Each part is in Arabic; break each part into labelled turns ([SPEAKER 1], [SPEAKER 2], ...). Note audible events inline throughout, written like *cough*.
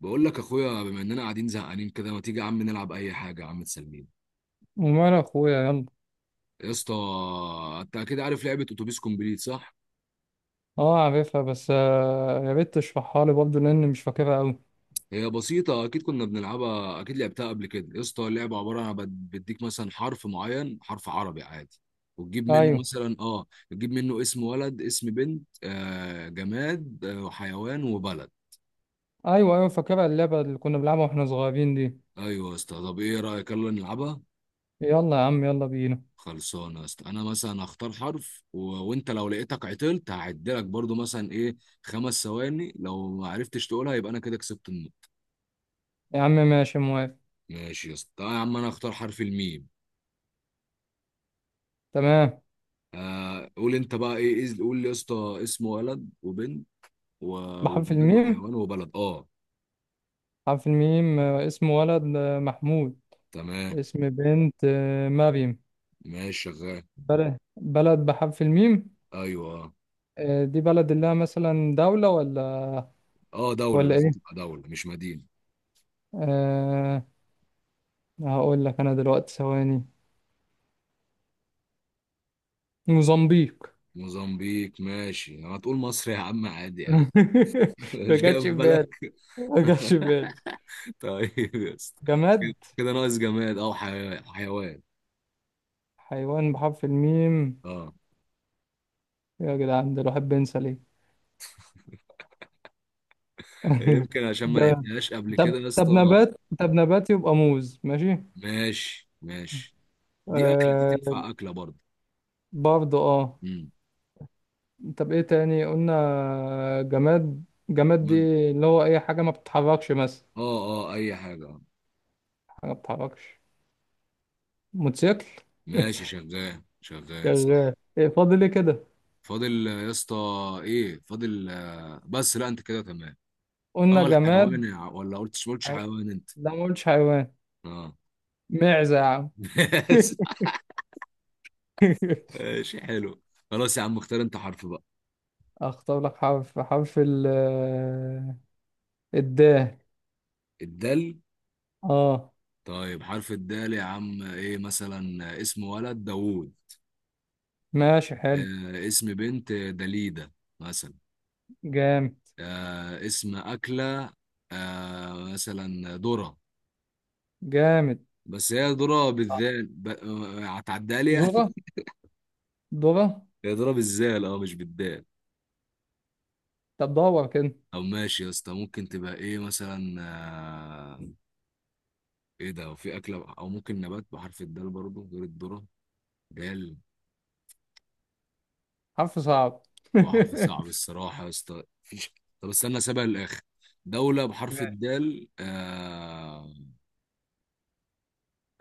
[SPEAKER 1] بقول لك اخويا، بما اننا قاعدين زهقانين كده، ما تيجي يا عم نلعب اي حاجه يا عم تسلينا.
[SPEAKER 2] ومال اخويا يلا.
[SPEAKER 1] يا اسطى، انت اكيد عارف لعبه اتوبيس كومبليت صح؟
[SPEAKER 2] اه عارفها بس يا ريت تشرحها لي برضه لان مش فاكرها قوي.
[SPEAKER 1] هي بسيطه، اكيد كنا بنلعبها، اكيد لعبتها قبل كده يا اسطى. اللعبه عباره عن بديك مثلا حرف معين، حرف عربي عادي، وتجيب منه
[SPEAKER 2] ايوه
[SPEAKER 1] مثلا اه، تجيب منه اسم ولد، اسم بنت آه، جماد آه، وحيوان وبلد.
[SPEAKER 2] ايوه ايوه فاكرها اللعبه اللي كنا بنلعبها واحنا صغيرين دي.
[SPEAKER 1] ايوه يا اسطى، طب ايه رايك يلا نلعبها.
[SPEAKER 2] يلا يا عم يلا بينا.
[SPEAKER 1] خلصانه يا اسطى. انا مثلا هختار حرف وانت لو لقيتك عطلت هعدلك برضو مثلا ايه، خمس ثواني، لو ما عرفتش تقولها يبقى انا كده كسبت النقطه.
[SPEAKER 2] يا عم ماشي موافق.
[SPEAKER 1] ماشي يا اسطى، تعالى يا عم، انا هختار حرف الميم.
[SPEAKER 2] تمام.
[SPEAKER 1] آه قول انت بقى ايه، قول لي يا اسطى اسم ولد وبنت و...
[SPEAKER 2] بحرف
[SPEAKER 1] وجماد
[SPEAKER 2] الميم.
[SPEAKER 1] وحيوان وبلد اه.
[SPEAKER 2] بحرف الميم، اسم ولد محمود.
[SPEAKER 1] تمام،
[SPEAKER 2] اسم بنت مريم.
[SPEAKER 1] ماشي شغال.
[SPEAKER 2] بلد بحرف الميم.
[SPEAKER 1] ايوه اه.
[SPEAKER 2] آه، دي بلد اللي هي مثلا دولة ولا،
[SPEAKER 1] آه، دوله
[SPEAKER 2] ولا
[SPEAKER 1] لازم
[SPEAKER 2] ايه؟
[SPEAKER 1] تبقى دوله مش مدينه.
[SPEAKER 2] أه. هقول لك انا دلوقتي ثواني. موزمبيق.
[SPEAKER 1] موزمبيق ماشي، هتقول مصر يا عم عادي يا عم.
[SPEAKER 2] *laughs*
[SPEAKER 1] *laughs*
[SPEAKER 2] ما
[SPEAKER 1] مش
[SPEAKER 2] جاتش
[SPEAKER 1] جاي في
[SPEAKER 2] في
[SPEAKER 1] بالك.
[SPEAKER 2] بالي. ما جاتش في بالي.
[SPEAKER 1] *laughs* طيب يا اسطى، كده
[SPEAKER 2] جماد.
[SPEAKER 1] كده ناقص جماد او حيوان، حيوان
[SPEAKER 2] حيوان بحرف الميم.
[SPEAKER 1] اه.
[SPEAKER 2] يا جدعان ده الواحد بينسى ليه؟ *laughs*
[SPEAKER 1] يمكن عشان ما
[SPEAKER 2] جماد.
[SPEAKER 1] لعبتهاش قبل
[SPEAKER 2] طب
[SPEAKER 1] كده يا
[SPEAKER 2] طب
[SPEAKER 1] اسطى.
[SPEAKER 2] نبات، طب نبات يبقى موز. ماشي.
[SPEAKER 1] ماشي ماشي. دي اكله، دي
[SPEAKER 2] آه.
[SPEAKER 1] تنفع اكله برضه.
[SPEAKER 2] برضه اه.
[SPEAKER 1] امم
[SPEAKER 2] طب ايه تاني قلنا؟ جماد. جماد دي
[SPEAKER 1] جماد.
[SPEAKER 2] اللي هو اي حاجة ما بتتحركش مثلا.
[SPEAKER 1] اه اه، اي حاجه آه.
[SPEAKER 2] حاجة ما بتتحركش. موتوسيكل.
[SPEAKER 1] ماشي شغال،
[SPEAKER 2] *laughs*
[SPEAKER 1] شغال صح.
[SPEAKER 2] شغال. ايه فاضل ايه كده؟
[SPEAKER 1] فاضل آه، يا اسطى ايه فاضل آه، بس لا انت كده تمام.
[SPEAKER 2] قلنا
[SPEAKER 1] اه
[SPEAKER 2] جماد.
[SPEAKER 1] الحيوان، يا ولا قلتش، ما
[SPEAKER 2] ح-
[SPEAKER 1] قلتش حيوان انت.
[SPEAKER 2] لا، ما قلتش حيوان.
[SPEAKER 1] اه.
[SPEAKER 2] معزة يا عم.
[SPEAKER 1] *laughs*
[SPEAKER 2] *laughs*
[SPEAKER 1] ماشي حلو. خلاص يا عم، اختار انت حرف بقى.
[SPEAKER 2] اختار لك حرف، حرف ال الدال
[SPEAKER 1] الدال؟
[SPEAKER 2] اه.
[SPEAKER 1] طيب حرف الدال يا عم ايه، مثلا اسم ولد داوود،
[SPEAKER 2] ماشي حلو.
[SPEAKER 1] آه اسم بنت دليدة مثلا،
[SPEAKER 2] جامد.
[SPEAKER 1] آه اسم أكلة آه مثلا ذرة.
[SPEAKER 2] جامد.
[SPEAKER 1] بس هي ذرة بالذال آه، هتعديها لي يعني.
[SPEAKER 2] زورة. دورة.
[SPEAKER 1] *laughs* هي ذرة بالذال اه، مش بالدال.
[SPEAKER 2] طب دور كده.
[SPEAKER 1] طب ماشي يا اسطى، ممكن تبقى ايه مثلا آه، ايه ده، وفي أكلة او ممكن نبات بحرف الدال برضه غير الذرة؟ دال،
[SPEAKER 2] حرف صعب.
[SPEAKER 1] هو
[SPEAKER 2] *laughs*
[SPEAKER 1] حرف صعب الصراحة يا اسطى، مفيش. طب استنى سابها للآخر. دولة بحرف
[SPEAKER 2] ماشي.
[SPEAKER 1] الدال آه،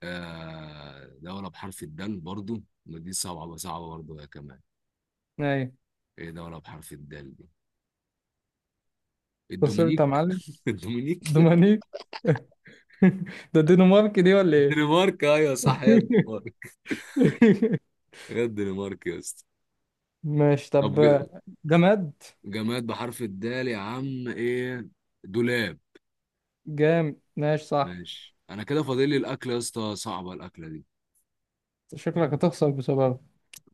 [SPEAKER 1] آه دولة بحرف الدال برضو، ما دي صعبة، صعبة برضو يا كمان.
[SPEAKER 2] ايوه.
[SPEAKER 1] ايه دولة بحرف الدال دي؟
[SPEAKER 2] خسرت
[SPEAKER 1] الدومينيك.
[SPEAKER 2] يا معلم.
[SPEAKER 1] *laughs* الدومينيك.
[SPEAKER 2] دومانيك. *laughs* ده الدنمارك دي ولا ايه؟
[SPEAKER 1] الدنمارك، ايوه صح، هي الدنمارك.
[SPEAKER 2] *laughs*
[SPEAKER 1] هي الدنمارك يا اسطى.
[SPEAKER 2] ماشي طب.
[SPEAKER 1] طب
[SPEAKER 2] جماد.
[SPEAKER 1] جماد بحرف الدال يا عم ايه؟ دولاب.
[SPEAKER 2] جامد ماشي صح.
[SPEAKER 1] ماشي، انا كده فاضل لي الاكل يا اسطى، صعبة الاكلة دي.
[SPEAKER 2] شكلك هتخسر بسببه.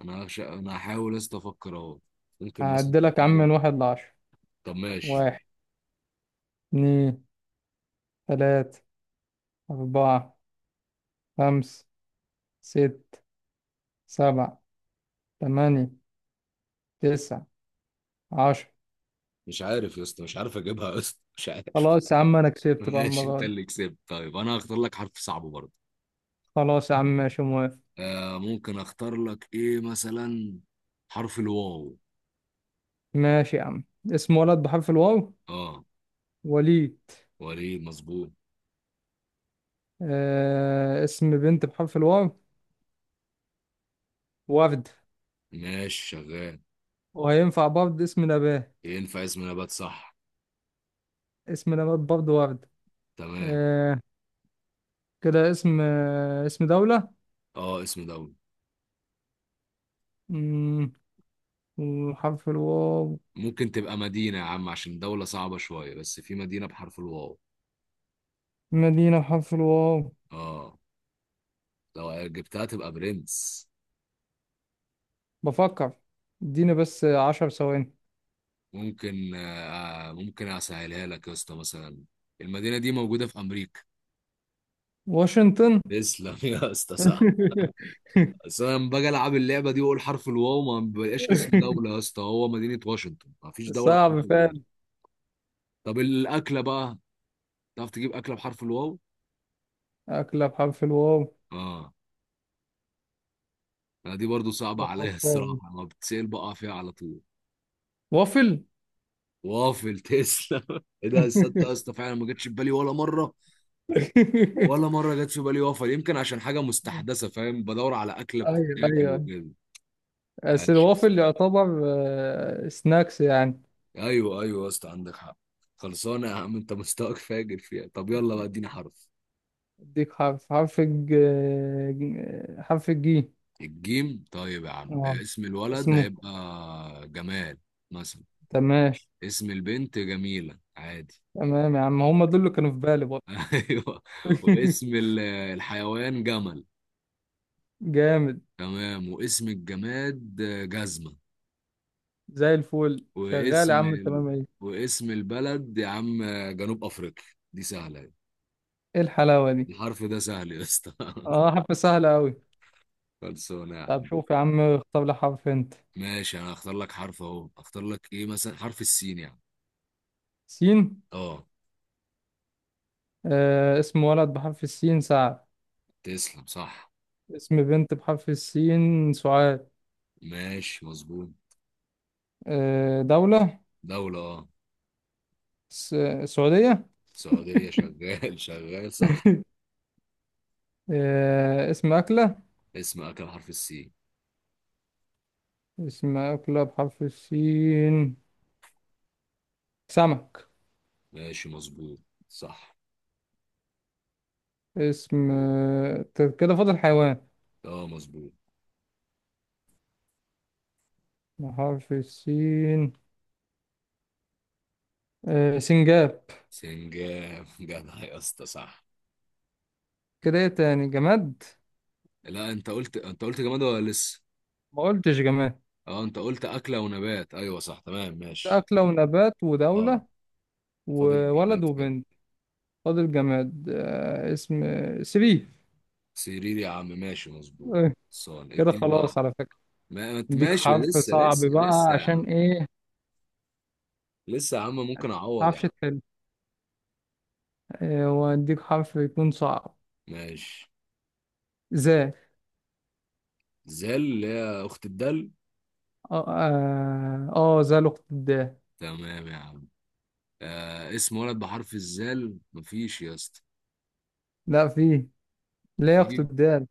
[SPEAKER 1] انا هحاول يا اسطى افكر اهو. ممكن مثلا،
[SPEAKER 2] هعدلك يا عم
[SPEAKER 1] إيه؟
[SPEAKER 2] من واحد لعشرة.
[SPEAKER 1] طب ماشي.
[SPEAKER 2] واحد، اتنين، تلاتة، أربعة، خمسة، ست، سبعة، تمانية، تسعة، عشرة.
[SPEAKER 1] مش عارف يا اسطى، مش عارف اجيبها يا اسطى، مش عارف.
[SPEAKER 2] خلاص يا عم، أنا
[SPEAKER 1] *laughs*
[SPEAKER 2] كسبت بقى
[SPEAKER 1] ماشي،
[SPEAKER 2] المرة
[SPEAKER 1] انت
[SPEAKER 2] دي.
[SPEAKER 1] اللي كسبت. طيب انا هختار لك حرف صعب برضه.
[SPEAKER 2] خلاص يا عم ماشي موافق.
[SPEAKER 1] آه، ممكن اختار لك ايه مثلا؟ حرف الواو.
[SPEAKER 2] ماشي يا عم. اسم ولد بحرف الواو،
[SPEAKER 1] اه،
[SPEAKER 2] وليد.
[SPEAKER 1] وريد مظبوط.
[SPEAKER 2] آه، اسم بنت بحرف الواو، وردة.
[SPEAKER 1] ماشي شغال.
[SPEAKER 2] وهينفع برضه اسم نبات.
[SPEAKER 1] ينفع اسم نبات صح.
[SPEAKER 2] اسم نبات برضه وردة.
[SPEAKER 1] تمام.
[SPEAKER 2] آه. كده اسم، اسم دولة.
[SPEAKER 1] اه اسم دولة.
[SPEAKER 2] مم، وحرف الواو.
[SPEAKER 1] ممكن تبقى مدينة يا عم، عشان دولة صعبة شوية، بس في مدينة بحرف الواو.
[SPEAKER 2] مدينة بحرف الواو.
[SPEAKER 1] اه، لو جبتها تبقى برنس.
[SPEAKER 2] بفكر. اديني بس عشر ثواني.
[SPEAKER 1] ممكن آه، ممكن اسهلها لك يا اسطى، مثلا المدينة دي موجودة في امريكا.
[SPEAKER 2] واشنطن.
[SPEAKER 1] تسلم *laughs* يا اسطى صح.
[SPEAKER 2] *laughs*
[SPEAKER 1] بس انا لما باجي العب اللعبه دي واقول حرف الواو ما بيبقاش اسم دوله يا اسطى، هو مدينه واشنطن، ما فيش دوله بحرف
[SPEAKER 2] صعب
[SPEAKER 1] الواو.
[SPEAKER 2] فعلا.
[SPEAKER 1] طب الاكله بقى، تعرف تجيب اكله بحرف الواو؟
[SPEAKER 2] أكلة بحرف الواو.
[SPEAKER 1] اه. لا دي برضو صعبه عليا، *laughs*
[SPEAKER 2] بفكر.
[SPEAKER 1] الصراحه ما بتسال بقى فيها على طول.
[SPEAKER 2] وافل.
[SPEAKER 1] وافل، تسلم. *laughs* ايه ده، تصدق يا
[SPEAKER 2] *laughs*
[SPEAKER 1] اسطى فعلا ما جاتش في بالي ولا مره، ولا مره جت في بالي وافل، يمكن عشان حاجه مستحدثه، فاهم، بدور على اكله
[SPEAKER 2] أيوه
[SPEAKER 1] بتتاكل
[SPEAKER 2] أيوه.
[SPEAKER 1] وكده.
[SPEAKER 2] بس
[SPEAKER 1] عاش.
[SPEAKER 2] الوافل يعتبر سناكس يعني.
[SPEAKER 1] ايوه ايوه يا اسطى، عندك حق. خلصانه يا عم، انت مستواك فاجر فيها. طب يلا بقى اديني حرف.
[SPEAKER 2] أديك حرف حرف الج ج- حرف الجي.
[SPEAKER 1] الجيم؟ طيب يا عم
[SPEAKER 2] اه.
[SPEAKER 1] اسم الولد
[SPEAKER 2] اسمه.
[SPEAKER 1] هيبقى جمال مثلا.
[SPEAKER 2] تمام.
[SPEAKER 1] اسم البنت جميلة عادي.
[SPEAKER 2] تمام يا عم، هم دول اللي كانوا في بالي برضه.
[SPEAKER 1] *laughs* ايوه. واسم
[SPEAKER 2] *laughs*
[SPEAKER 1] الحيوان جمل.
[SPEAKER 2] جامد.
[SPEAKER 1] تمام. واسم الجماد جزمة.
[SPEAKER 2] زي الفل شغال يا
[SPEAKER 1] واسم
[SPEAKER 2] عم تمام. ايه؟
[SPEAKER 1] واسم البلد يا عم جنوب افريقيا، دي سهلة.
[SPEAKER 2] ايه الحلاوة دي؟
[SPEAKER 1] الحرف ده سهل يا اسطى.
[SPEAKER 2] اه حرف سهلة أوي.
[SPEAKER 1] *laughs* خلصانه يا
[SPEAKER 2] طب
[SPEAKER 1] عم.
[SPEAKER 2] شوف يا عم، اختار لي حرف انت.
[SPEAKER 1] ماشي، انا هختار لك حرف اهو. اختار لك ايه مثلا؟ حرف السين يعني.
[SPEAKER 2] سين.
[SPEAKER 1] اه.
[SPEAKER 2] آه، اسم ولد بحرف السين، سعد.
[SPEAKER 1] تسلم صح.
[SPEAKER 2] اسم بنت بحرف السين، سعاد.
[SPEAKER 1] ماشي مظبوط.
[SPEAKER 2] آه، دولة.
[SPEAKER 1] دولة اه.
[SPEAKER 2] س... سعودية.
[SPEAKER 1] سعودية
[SPEAKER 2] *laughs*
[SPEAKER 1] شغال. *laughs* شغال صح.
[SPEAKER 2] آه، اسم أكلة.
[SPEAKER 1] اسم اكل حرف السين.
[SPEAKER 2] اسم أكلة بحرف السين، سمك.
[SPEAKER 1] ماشي مظبوط. صح
[SPEAKER 2] اسم
[SPEAKER 1] مظبوط.
[SPEAKER 2] كده فاضل حيوان
[SPEAKER 1] اه مظبوط.
[SPEAKER 2] بحرف السين. آه، سنجاب.
[SPEAKER 1] سنجاب. *laughs* جدع يا اسطى صح.
[SPEAKER 2] كده ايه تاني؟ جماد؟
[SPEAKER 1] لا انت قلت، انت قلت جماد ولا لسه؟
[SPEAKER 2] ما قلتش جماد.
[SPEAKER 1] اه انت قلت اكلة ونبات، ايوه صح، تمام ماشي.
[SPEAKER 2] أكلة ونبات ودولة
[SPEAKER 1] اه. فاضل
[SPEAKER 2] وولد
[SPEAKER 1] الجماد كده.
[SPEAKER 2] وبنت. فاضل جماد. اسم سري.
[SPEAKER 1] سرير، يا عم ماشي مظبوط.
[SPEAKER 2] آه،
[SPEAKER 1] صان
[SPEAKER 2] كده
[SPEAKER 1] اديني
[SPEAKER 2] خلاص
[SPEAKER 1] بقى.
[SPEAKER 2] على فكرة.
[SPEAKER 1] ما انت
[SPEAKER 2] اديك
[SPEAKER 1] ماشي
[SPEAKER 2] حرف
[SPEAKER 1] لسه
[SPEAKER 2] صعب
[SPEAKER 1] لسه
[SPEAKER 2] بقى،
[SPEAKER 1] لسه يا
[SPEAKER 2] عشان
[SPEAKER 1] عم.
[SPEAKER 2] ايه؟
[SPEAKER 1] لسه يا عم، ممكن اعوض
[SPEAKER 2] متعرفش
[SPEAKER 1] يعني.
[SPEAKER 2] تحل. واديك حرف يكون صعب.
[SPEAKER 1] ماشي.
[SPEAKER 2] ذا.
[SPEAKER 1] زال، اللي هي اخت الدل.
[SPEAKER 2] اه اه، ذا لقطة الدال.
[SPEAKER 1] تمام يا عم. آه اسم ولد بحرف الزال مفيش يا اسطى.
[SPEAKER 2] لا فيه، لا يا اخت
[SPEAKER 1] في.
[SPEAKER 2] الدال.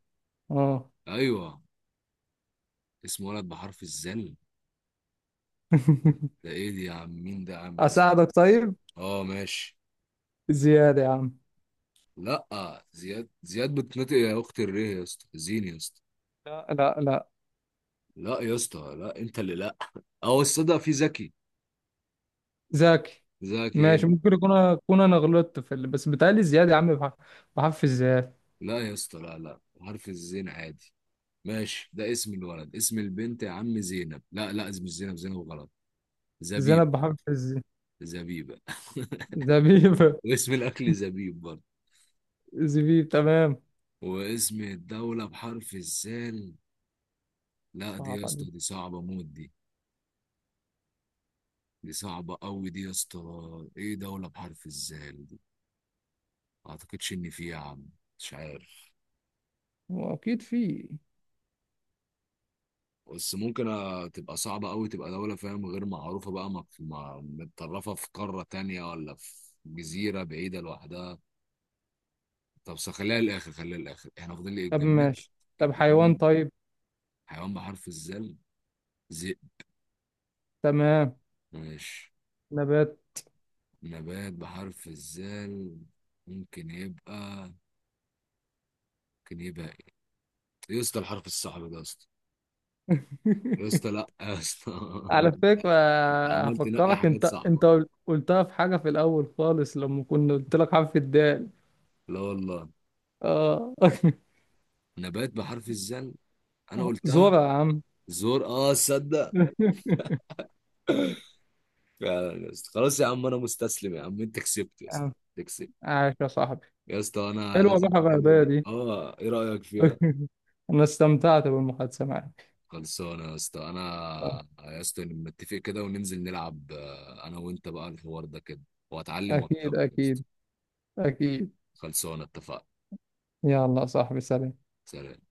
[SPEAKER 2] اه.
[SPEAKER 1] ايوه. اسم ولد بحرف الزال،
[SPEAKER 2] *laughs*
[SPEAKER 1] ده ايه دي يا عم، مين ده يا عم اللي اسمه؟
[SPEAKER 2] اساعدك طيب.
[SPEAKER 1] اه ماشي.
[SPEAKER 2] زيادة يا عم.
[SPEAKER 1] لا زياد، زياد بتنطق يا اخت الريه يا اسطى، زين يا اسطى.
[SPEAKER 2] لا لا لا.
[SPEAKER 1] لا يا اسطى، لا انت اللي لا. اه الصدق في زكي.
[SPEAKER 2] ذاكي.
[SPEAKER 1] زكي
[SPEAKER 2] ماشي،
[SPEAKER 1] انت.
[SPEAKER 2] ممكن يكون اكون انا غلطت في ال... بس بتهيألي زيادة يا عم، بحرف، بحرف الزيادة.
[SPEAKER 1] لا يا اسطى، لا لا، حرف الزين عادي. ماشي، ده اسم الولد. اسم البنت يا عم زينب، لا لا، اسم مش زينب، زينب غلط. زبيب.
[SPEAKER 2] زينب بحرف الز.
[SPEAKER 1] زبيبة. *laughs*
[SPEAKER 2] زبيب.
[SPEAKER 1] واسم الأكل زبيب برضه.
[SPEAKER 2] *laughs* زبيب تمام.
[SPEAKER 1] واسم الدولة بحرف الزال، لا دي يا
[SPEAKER 2] صعبة دي.
[SPEAKER 1] اسطى، دي صعبة موت دي، دي صعبة أوي دي يا اسطى. إيه دولة بحرف الزال دي؟ ما أعتقدش إن في يا عم. مش عارف.
[SPEAKER 2] هو أكيد في.
[SPEAKER 1] بس ممكن آه، تبقى صعبة أوي، تبقى دولة فاهم غير معروفة بقى، متطرفة في قارة تانية ولا في جزيرة بعيدة لوحدها. طب خليها للاخر، خليها للاخر، احنا فاضل لي
[SPEAKER 2] طب
[SPEAKER 1] الجماد.
[SPEAKER 2] ماشي. طب حيوان
[SPEAKER 1] الجماد.
[SPEAKER 2] طيب.
[SPEAKER 1] حيوان بحرف الزل، ذئب.
[SPEAKER 2] تمام.
[SPEAKER 1] ماشي.
[SPEAKER 2] نبات.
[SPEAKER 1] نبات بحرف الزل، ممكن يبقى، ممكن يبقى ايه؟ يا اسطى الحرف الصعب ده يا اسطى. يا اسطى لا
[SPEAKER 2] *laughs*
[SPEAKER 1] يا اسطى.
[SPEAKER 2] على فكرة،
[SPEAKER 1] *laughs* عمال تنقي
[SPEAKER 2] هفكرك
[SPEAKER 1] حاجات
[SPEAKER 2] أنت،
[SPEAKER 1] صعبة.
[SPEAKER 2] قلتها في حاجة في الأول خالص، لما كنا قلت لك حرف الدال.
[SPEAKER 1] لا والله.
[SPEAKER 2] آه.
[SPEAKER 1] نبات بحرف الزل. انا
[SPEAKER 2] *laughs*
[SPEAKER 1] قلتها.
[SPEAKER 2] زورة يا عم.
[SPEAKER 1] زور، اه تصدق.
[SPEAKER 2] *laughs* يا
[SPEAKER 1] فعلا يا اسطى، خلاص يا عم، انا مستسلم يا عم، انت كسبت يا اسطى.
[SPEAKER 2] عم،
[SPEAKER 1] أنت كسبت.
[SPEAKER 2] عاش يا صاحبي.
[SPEAKER 1] يا اسطى انا
[SPEAKER 2] حلوة
[SPEAKER 1] لازم
[SPEAKER 2] الروح
[SPEAKER 1] اللعبة
[SPEAKER 2] الرياضية
[SPEAKER 1] دي،
[SPEAKER 2] دي.
[SPEAKER 1] اه ايه رأيك فيها؟
[SPEAKER 2] *laughs* أنا استمتعت بالمحادثة معك.
[SPEAKER 1] خلصانة يا اسطى. انا يا اسطى نتفق كده، وننزل نلعب آه، انا وانت بقى الحوار ده كده، واتعلم
[SPEAKER 2] أكيد
[SPEAKER 1] واكسبك يا اسطى.
[SPEAKER 2] أكيد أكيد.
[SPEAKER 1] خلصانة اتفقنا.
[SPEAKER 2] يلا يا صاحبي، سلام.
[SPEAKER 1] سلام.